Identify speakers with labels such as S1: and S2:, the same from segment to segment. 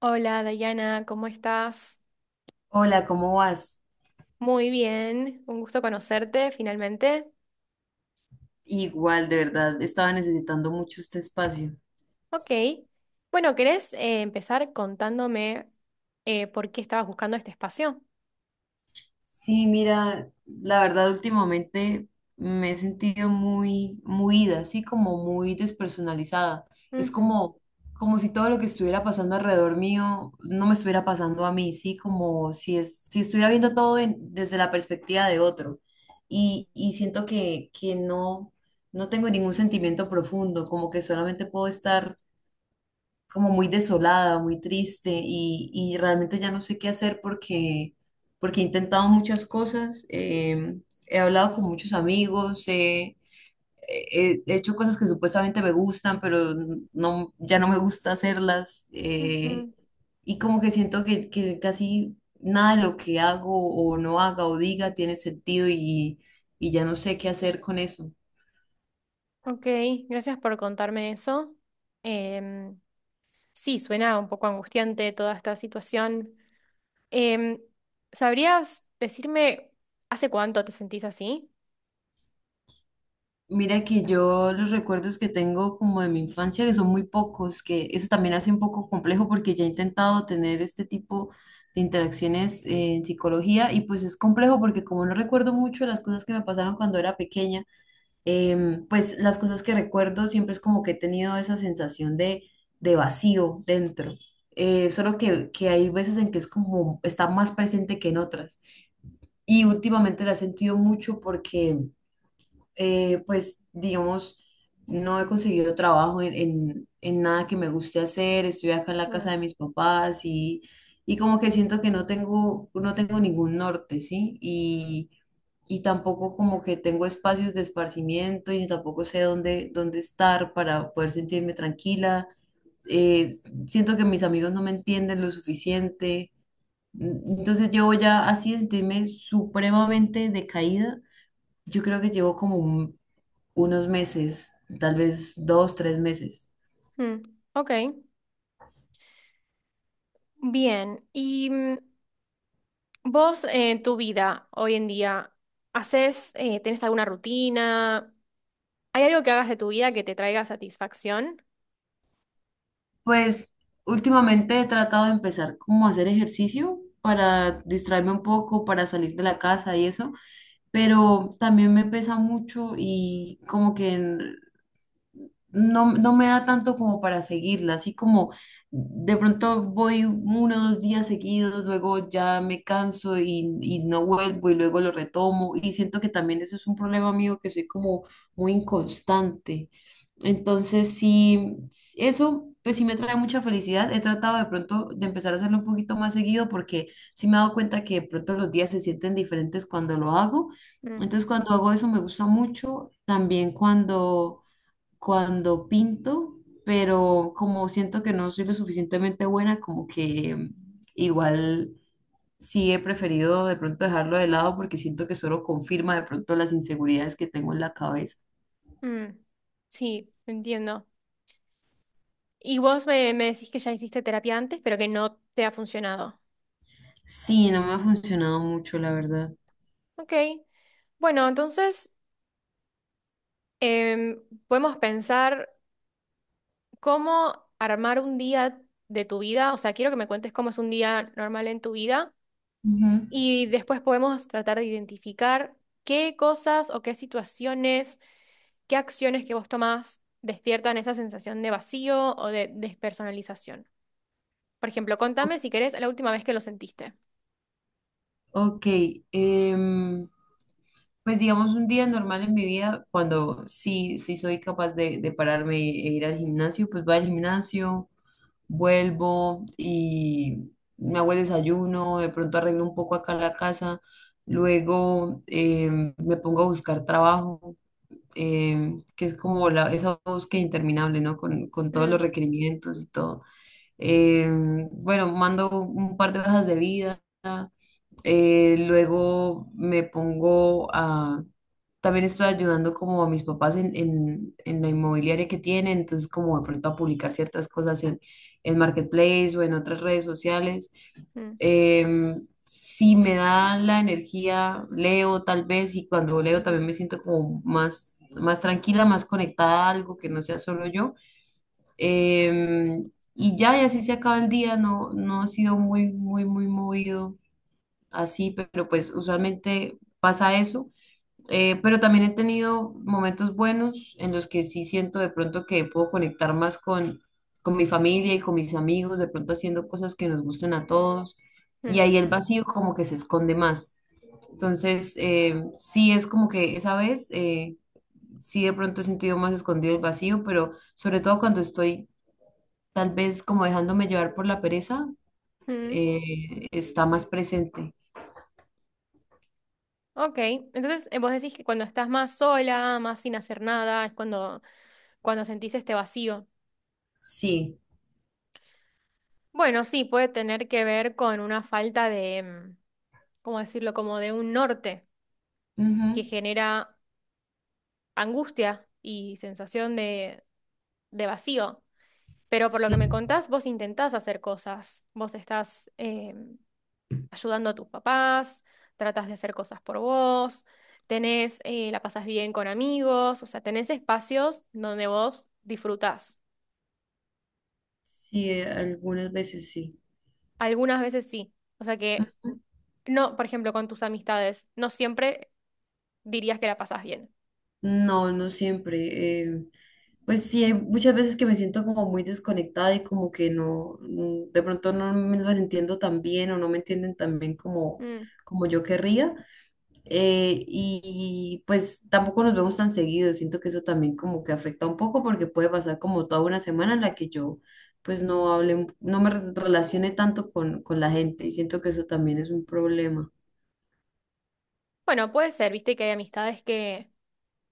S1: Hola Dayana, ¿cómo estás?
S2: Hola, ¿cómo vas?
S1: Muy bien, un gusto conocerte finalmente.
S2: Igual, de verdad, estaba necesitando mucho este espacio.
S1: Ok, bueno, ¿querés empezar contándome por qué estabas buscando este espacio?
S2: Sí, mira, la verdad últimamente me he sentido muy, muy ida, así como muy despersonalizada. Es
S1: Ujú,
S2: como, como si todo lo que estuviera pasando alrededor mío no me estuviera pasando a mí, sí, como si si estuviera viendo todo desde la perspectiva de otro. Y siento que no tengo ningún sentimiento profundo, como que solamente puedo estar como muy desolada, muy triste y realmente ya no sé qué hacer porque he intentado muchas cosas, he hablado con muchos amigos, he hecho cosas que supuestamente me gustan, pero no, ya no me gusta hacerlas
S1: ujú.
S2: y como que siento que casi nada de lo que hago o no haga o diga tiene sentido y ya no sé qué hacer con eso.
S1: Ok, gracias por contarme eso. Em, sí, suena un poco angustiante toda esta situación. Em, ¿Sabrías decirme hace cuánto te sentís así?
S2: Mira que yo los recuerdos que tengo como de mi infancia, que son muy pocos, que eso también hace un poco complejo porque ya he intentado tener este tipo de interacciones en psicología y pues es complejo porque como no recuerdo mucho las cosas que me pasaron cuando era pequeña, pues las cosas que recuerdo siempre es como que he tenido esa sensación de vacío dentro. Solo que hay veces en que es como está más presente que en otras. Y últimamente la he sentido mucho porque pues digamos, no he conseguido trabajo en nada que me guste hacer, estoy acá en la casa
S1: Mm,
S2: de mis papás y como que siento que no tengo ningún norte, ¿sí? Y tampoco como que tengo espacios de esparcimiento y tampoco sé dónde estar para poder sentirme tranquila. Eh, siento que mis amigos no me entienden lo suficiente. Entonces llevo ya así de sentirme supremamente decaída. Yo creo que llevo como un unos meses, tal vez dos, tres meses.
S1: mm. Ok, bien. ¿Y mm, vos en tu vida hoy en día, ¿haces, tenés alguna rutina? ¿Hay algo que hagas de tu vida que te traiga satisfacción?
S2: Pues últimamente he tratado de empezar como a hacer ejercicio para distraerme un poco, para salir de la casa y eso, pero también me pesa mucho y como que no me da tanto como para seguirla, así como de pronto voy uno o dos días seguidos, luego ya me canso y no vuelvo y luego lo retomo y siento que también eso es un problema mío que soy como muy inconstante. Entonces, sí, eso pues sí me trae mucha felicidad. He tratado de pronto de empezar a hacerlo un poquito más seguido porque sí me he dado cuenta que de pronto los días se sienten diferentes cuando lo hago.
S1: Mm,
S2: Entonces, cuando hago eso me gusta mucho. También cuando pinto, pero como siento que no soy lo suficientemente buena, como que igual sí he preferido de pronto dejarlo de lado porque siento que solo confirma de pronto las inseguridades que tengo en la cabeza.
S1: mm. Sí, entiendo. Y vos me decís que ya hiciste terapia antes, pero que no te ha funcionado.
S2: Sí, no me ha funcionado mucho, la verdad.
S1: Ok, bueno, entonces em, podemos pensar cómo armar un día de tu vida, o sea, quiero que me cuentes cómo es un día normal en tu vida
S2: Ujú.
S1: y después podemos tratar de identificar qué cosas o qué situaciones, qué acciones que vos tomás despiertan esa sensación de vacío o de despersonalización. Por ejemplo, contame si querés la última vez que lo sentiste.
S2: Ok, em, pues digamos un día normal en mi vida, cuando sí, sí soy capaz de pararme e ir al gimnasio, pues voy al gimnasio, vuelvo y me hago el desayuno, de pronto arreglo un poco acá la casa, luego me pongo a buscar trabajo, que es como esa búsqueda interminable, ¿no? Con todos los
S1: Mm,
S2: requerimientos y todo. Bueno, mando un par de hojas de vida. Luego me pongo a... También estoy ayudando como a mis papás en la inmobiliaria que tienen, entonces como de pronto a publicar ciertas cosas en Marketplace o en otras redes sociales.
S1: mm,
S2: Si me da la energía, leo tal vez y cuando leo también me siento como más, más tranquila, más conectada a algo que no sea solo yo. Y ya, y así se acaba el día, no, no ha sido muy, muy, muy movido así, pero pues usualmente pasa eso. Pero también he tenido momentos buenos en los que sí siento de pronto que puedo conectar más con mi familia y con mis amigos, de pronto haciendo cosas que nos gusten a todos. Y
S1: mm,
S2: ahí el vacío como que se esconde más. Entonces, sí es como que esa vez, sí de pronto he sentido más escondido el vacío, pero sobre todo cuando estoy tal vez como dejándome llevar por la pereza,
S1: mm.
S2: está más presente.
S1: Ok, entonces vos decís que cuando estás más sola, más sin hacer nada, es cuando, cuando sentís este vacío.
S2: Sí.
S1: Bueno, sí, puede tener que ver con una falta de, mm, ¿cómo decirlo? Como de un norte que genera angustia y sensación de vacío. Pero por lo
S2: Sí,
S1: que me contás, vos intentás hacer cosas. Vos estás ayudando a tus papás, tratás de hacer cosas por vos, tenés, la pasás bien con amigos, o sea, tenés espacios donde vos disfrutás.
S2: sí, algunas veces sí.
S1: Algunas veces sí. O sea que,
S2: Ujú.
S1: no, por ejemplo, con tus amistades, no siempre dirías que la pasás bien.
S2: No, no siempre. Pues sí, hay muchas veces que me siento como muy desconectada y como que no, de pronto no me las entiendo tan bien o no me entienden tan bien
S1: Mm.
S2: como yo querría. Y pues tampoco nos vemos tan seguido. Siento que eso también como que afecta un poco porque puede pasar como toda una semana en la que yo pues no hable, no me relacione tanto con la gente y siento que eso también es un problema.
S1: Bueno, puede ser, viste que hay amistades que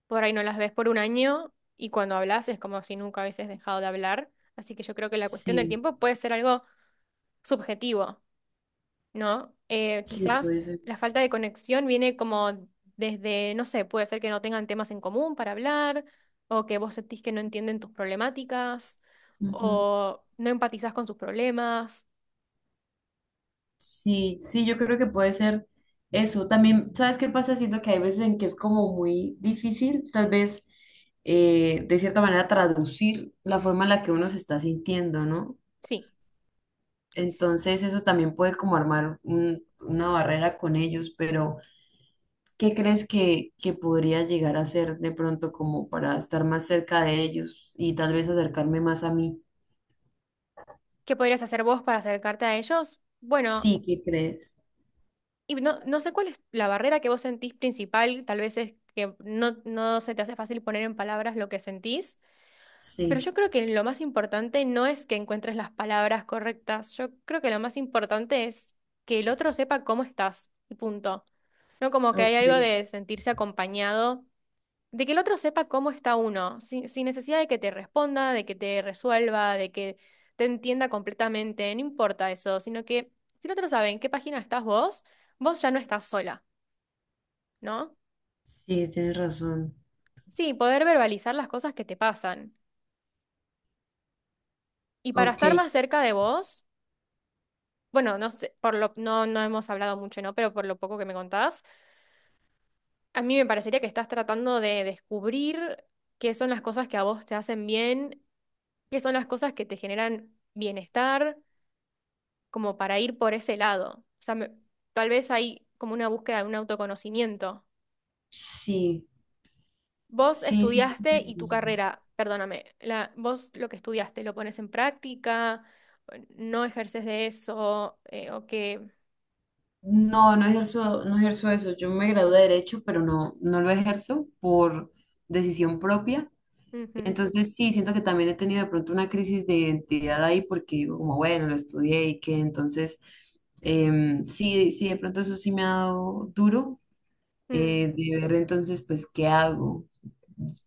S1: por ahí no las ves por un año y cuando hablas es como si nunca hubieses dejado de hablar. Así que yo creo que la cuestión del
S2: Sí.
S1: tiempo puede ser algo subjetivo, ¿no?
S2: Sí, puede
S1: Quizás
S2: ser.
S1: la falta de conexión viene como desde, no sé, puede ser que no tengan temas en común para hablar o que vos sentís que no entienden tus problemáticas
S2: Ujú.
S1: o no empatizás con sus problemas.
S2: Sí, sí, yo creo que puede ser eso. También, ¿sabes qué pasa? Siento que hay veces en que es como muy difícil, tal vez, de cierta manera, traducir la forma en la que uno se está sintiendo, ¿no?
S1: Sí.
S2: Entonces, eso también puede como armar una barrera con ellos, pero ¿qué crees que podría llegar a ser de pronto como para estar más cerca de ellos y tal vez acercarme más a mí?
S1: ¿Qué podrías hacer vos para acercarte a ellos? Bueno.
S2: Sí, ¿qué crees?
S1: Y no, no sé cuál es la barrera que vos sentís principal, tal vez es que no, no se te hace fácil poner en palabras lo que sentís, pero
S2: Sí,
S1: yo creo que lo más importante no es que encuentres las palabras correctas, yo creo que lo más importante es que el otro sepa cómo estás, y punto. No como que hay algo
S2: ok.
S1: de sentirse acompañado, de que el otro sepa cómo está uno, sin necesidad de que te responda, de que te resuelva, de que te entienda completamente, no importa eso, sino que si el otro sabe en qué página estás vos, vos ya no estás sola. ¿No?
S2: Sí, tienes razón.
S1: Sí, poder verbalizar las cosas que te pasan. Y para
S2: Ok,
S1: estar más cerca de vos, bueno, no sé, por lo, no, no hemos hablado mucho, ¿no? Pero por lo poco que me contás, a mí me parecería que estás tratando de descubrir qué son las cosas que a vos te hacen bien, qué son las cosas que te generan bienestar, como para ir por ese lado. O sea, me- tal vez hay como una búsqueda de un autoconocimiento.
S2: sí,
S1: Vos
S2: sí, sí,
S1: estudiaste
S2: pues,
S1: y tu
S2: eso.
S1: carrera, perdóname, la, vos lo que estudiaste, ¿lo pones en práctica? ¿No ejerces de eso? ¿O qué?
S2: No, no ejerzo, no ejerzo eso. Yo me gradué de Derecho, pero no, no lo ejerzo por decisión propia.
S1: Ujú,
S2: Entonces sí, siento que también he tenido de pronto una crisis de identidad ahí porque digo como, bueno, lo estudié y que entonces sí, sí, de pronto eso sí me ha dado duro
S1: mm.
S2: de ver entonces pues qué hago.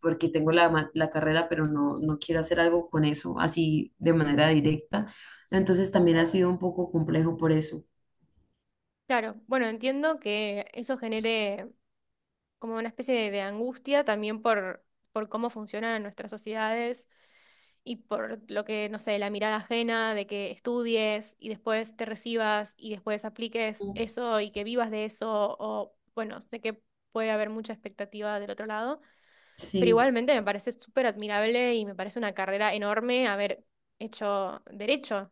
S2: Porque tengo la, la carrera, pero no, no quiero hacer algo con eso así de manera directa. Entonces también ha sido un poco complejo por eso.
S1: Claro, bueno, entiendo que eso genere como una especie de angustia también por cómo funcionan nuestras sociedades y por lo que, no sé, la mirada ajena de que estudies y después te recibas y después apliques eso y que vivas de eso o, bueno, sé que puede haber mucha expectativa del otro lado. Pero
S2: Sí,
S1: igualmente me parece súper admirable y me parece una carrera enorme haber hecho derecho.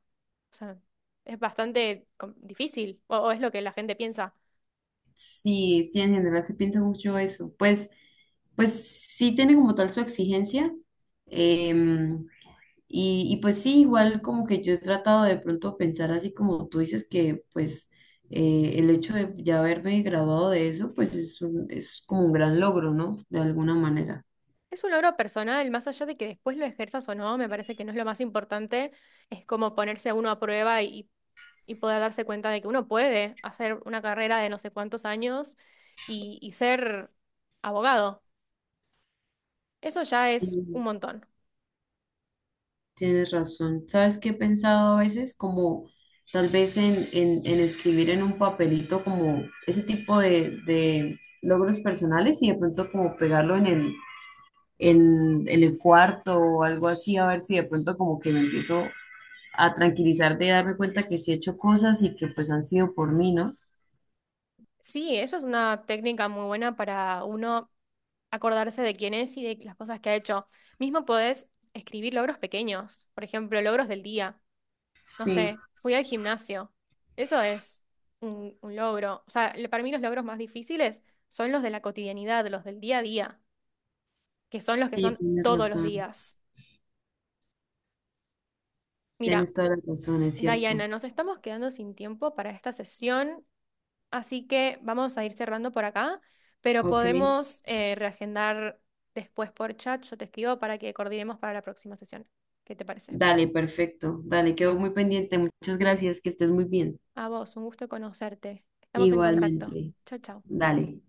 S1: O sea, es bastante com- difícil, o es lo que la gente piensa.
S2: sí, sí, en general se piensa mucho eso. Pues, pues sí tiene como tal su exigencia. em, y pues sí, igual como que yo he tratado de pronto pensar así como tú dices que pues el hecho de ya haberme graduado de eso, pues es es como un gran logro, ¿no? De alguna manera.
S1: Es un logro personal, más allá de que después lo ejerzas o no, me parece que no es lo más importante, es como ponerse uno a prueba y poder darse cuenta de que uno puede hacer una carrera de no sé cuántos años y ser abogado. Eso ya es un
S2: Sí.
S1: montón.
S2: Tienes razón. ¿Sabes qué he pensado a veces? Como tal vez en escribir en un papelito como ese tipo de logros personales y de pronto como pegarlo en en el cuarto o algo así, a ver si de pronto como que me empiezo a tranquilizar de darme cuenta que sí he hecho cosas y que pues han sido por mí, ¿no?
S1: Sí, eso es una técnica muy buena para uno acordarse de quién es y de las cosas que ha hecho. Mismo podés escribir logros pequeños, por ejemplo, logros del día. No
S2: Sí,
S1: sé, fui al gimnasio. Eso es un logro. O sea, le- para mí los logros más difíciles son los de la cotidianidad, los del día a día, que son los que
S2: sí,
S1: son
S2: tienes
S1: todos los
S2: razón.
S1: días. Mira,
S2: Tienes toda la razón, es cierto.
S1: Diana, nos estamos quedando sin tiempo para esta sesión. Así que vamos a ir cerrando por acá, pero
S2: Ok,
S1: podemos reagendar después por chat. Yo te escribo para que coordinemos para la próxima sesión. ¿Qué te parece?
S2: dale, perfecto. Dale, quedo muy pendiente. Muchas gracias, que estés muy bien.
S1: A vos, un gusto conocerte. Estamos en contacto.
S2: Igualmente.
S1: Chao, chao.
S2: Dale.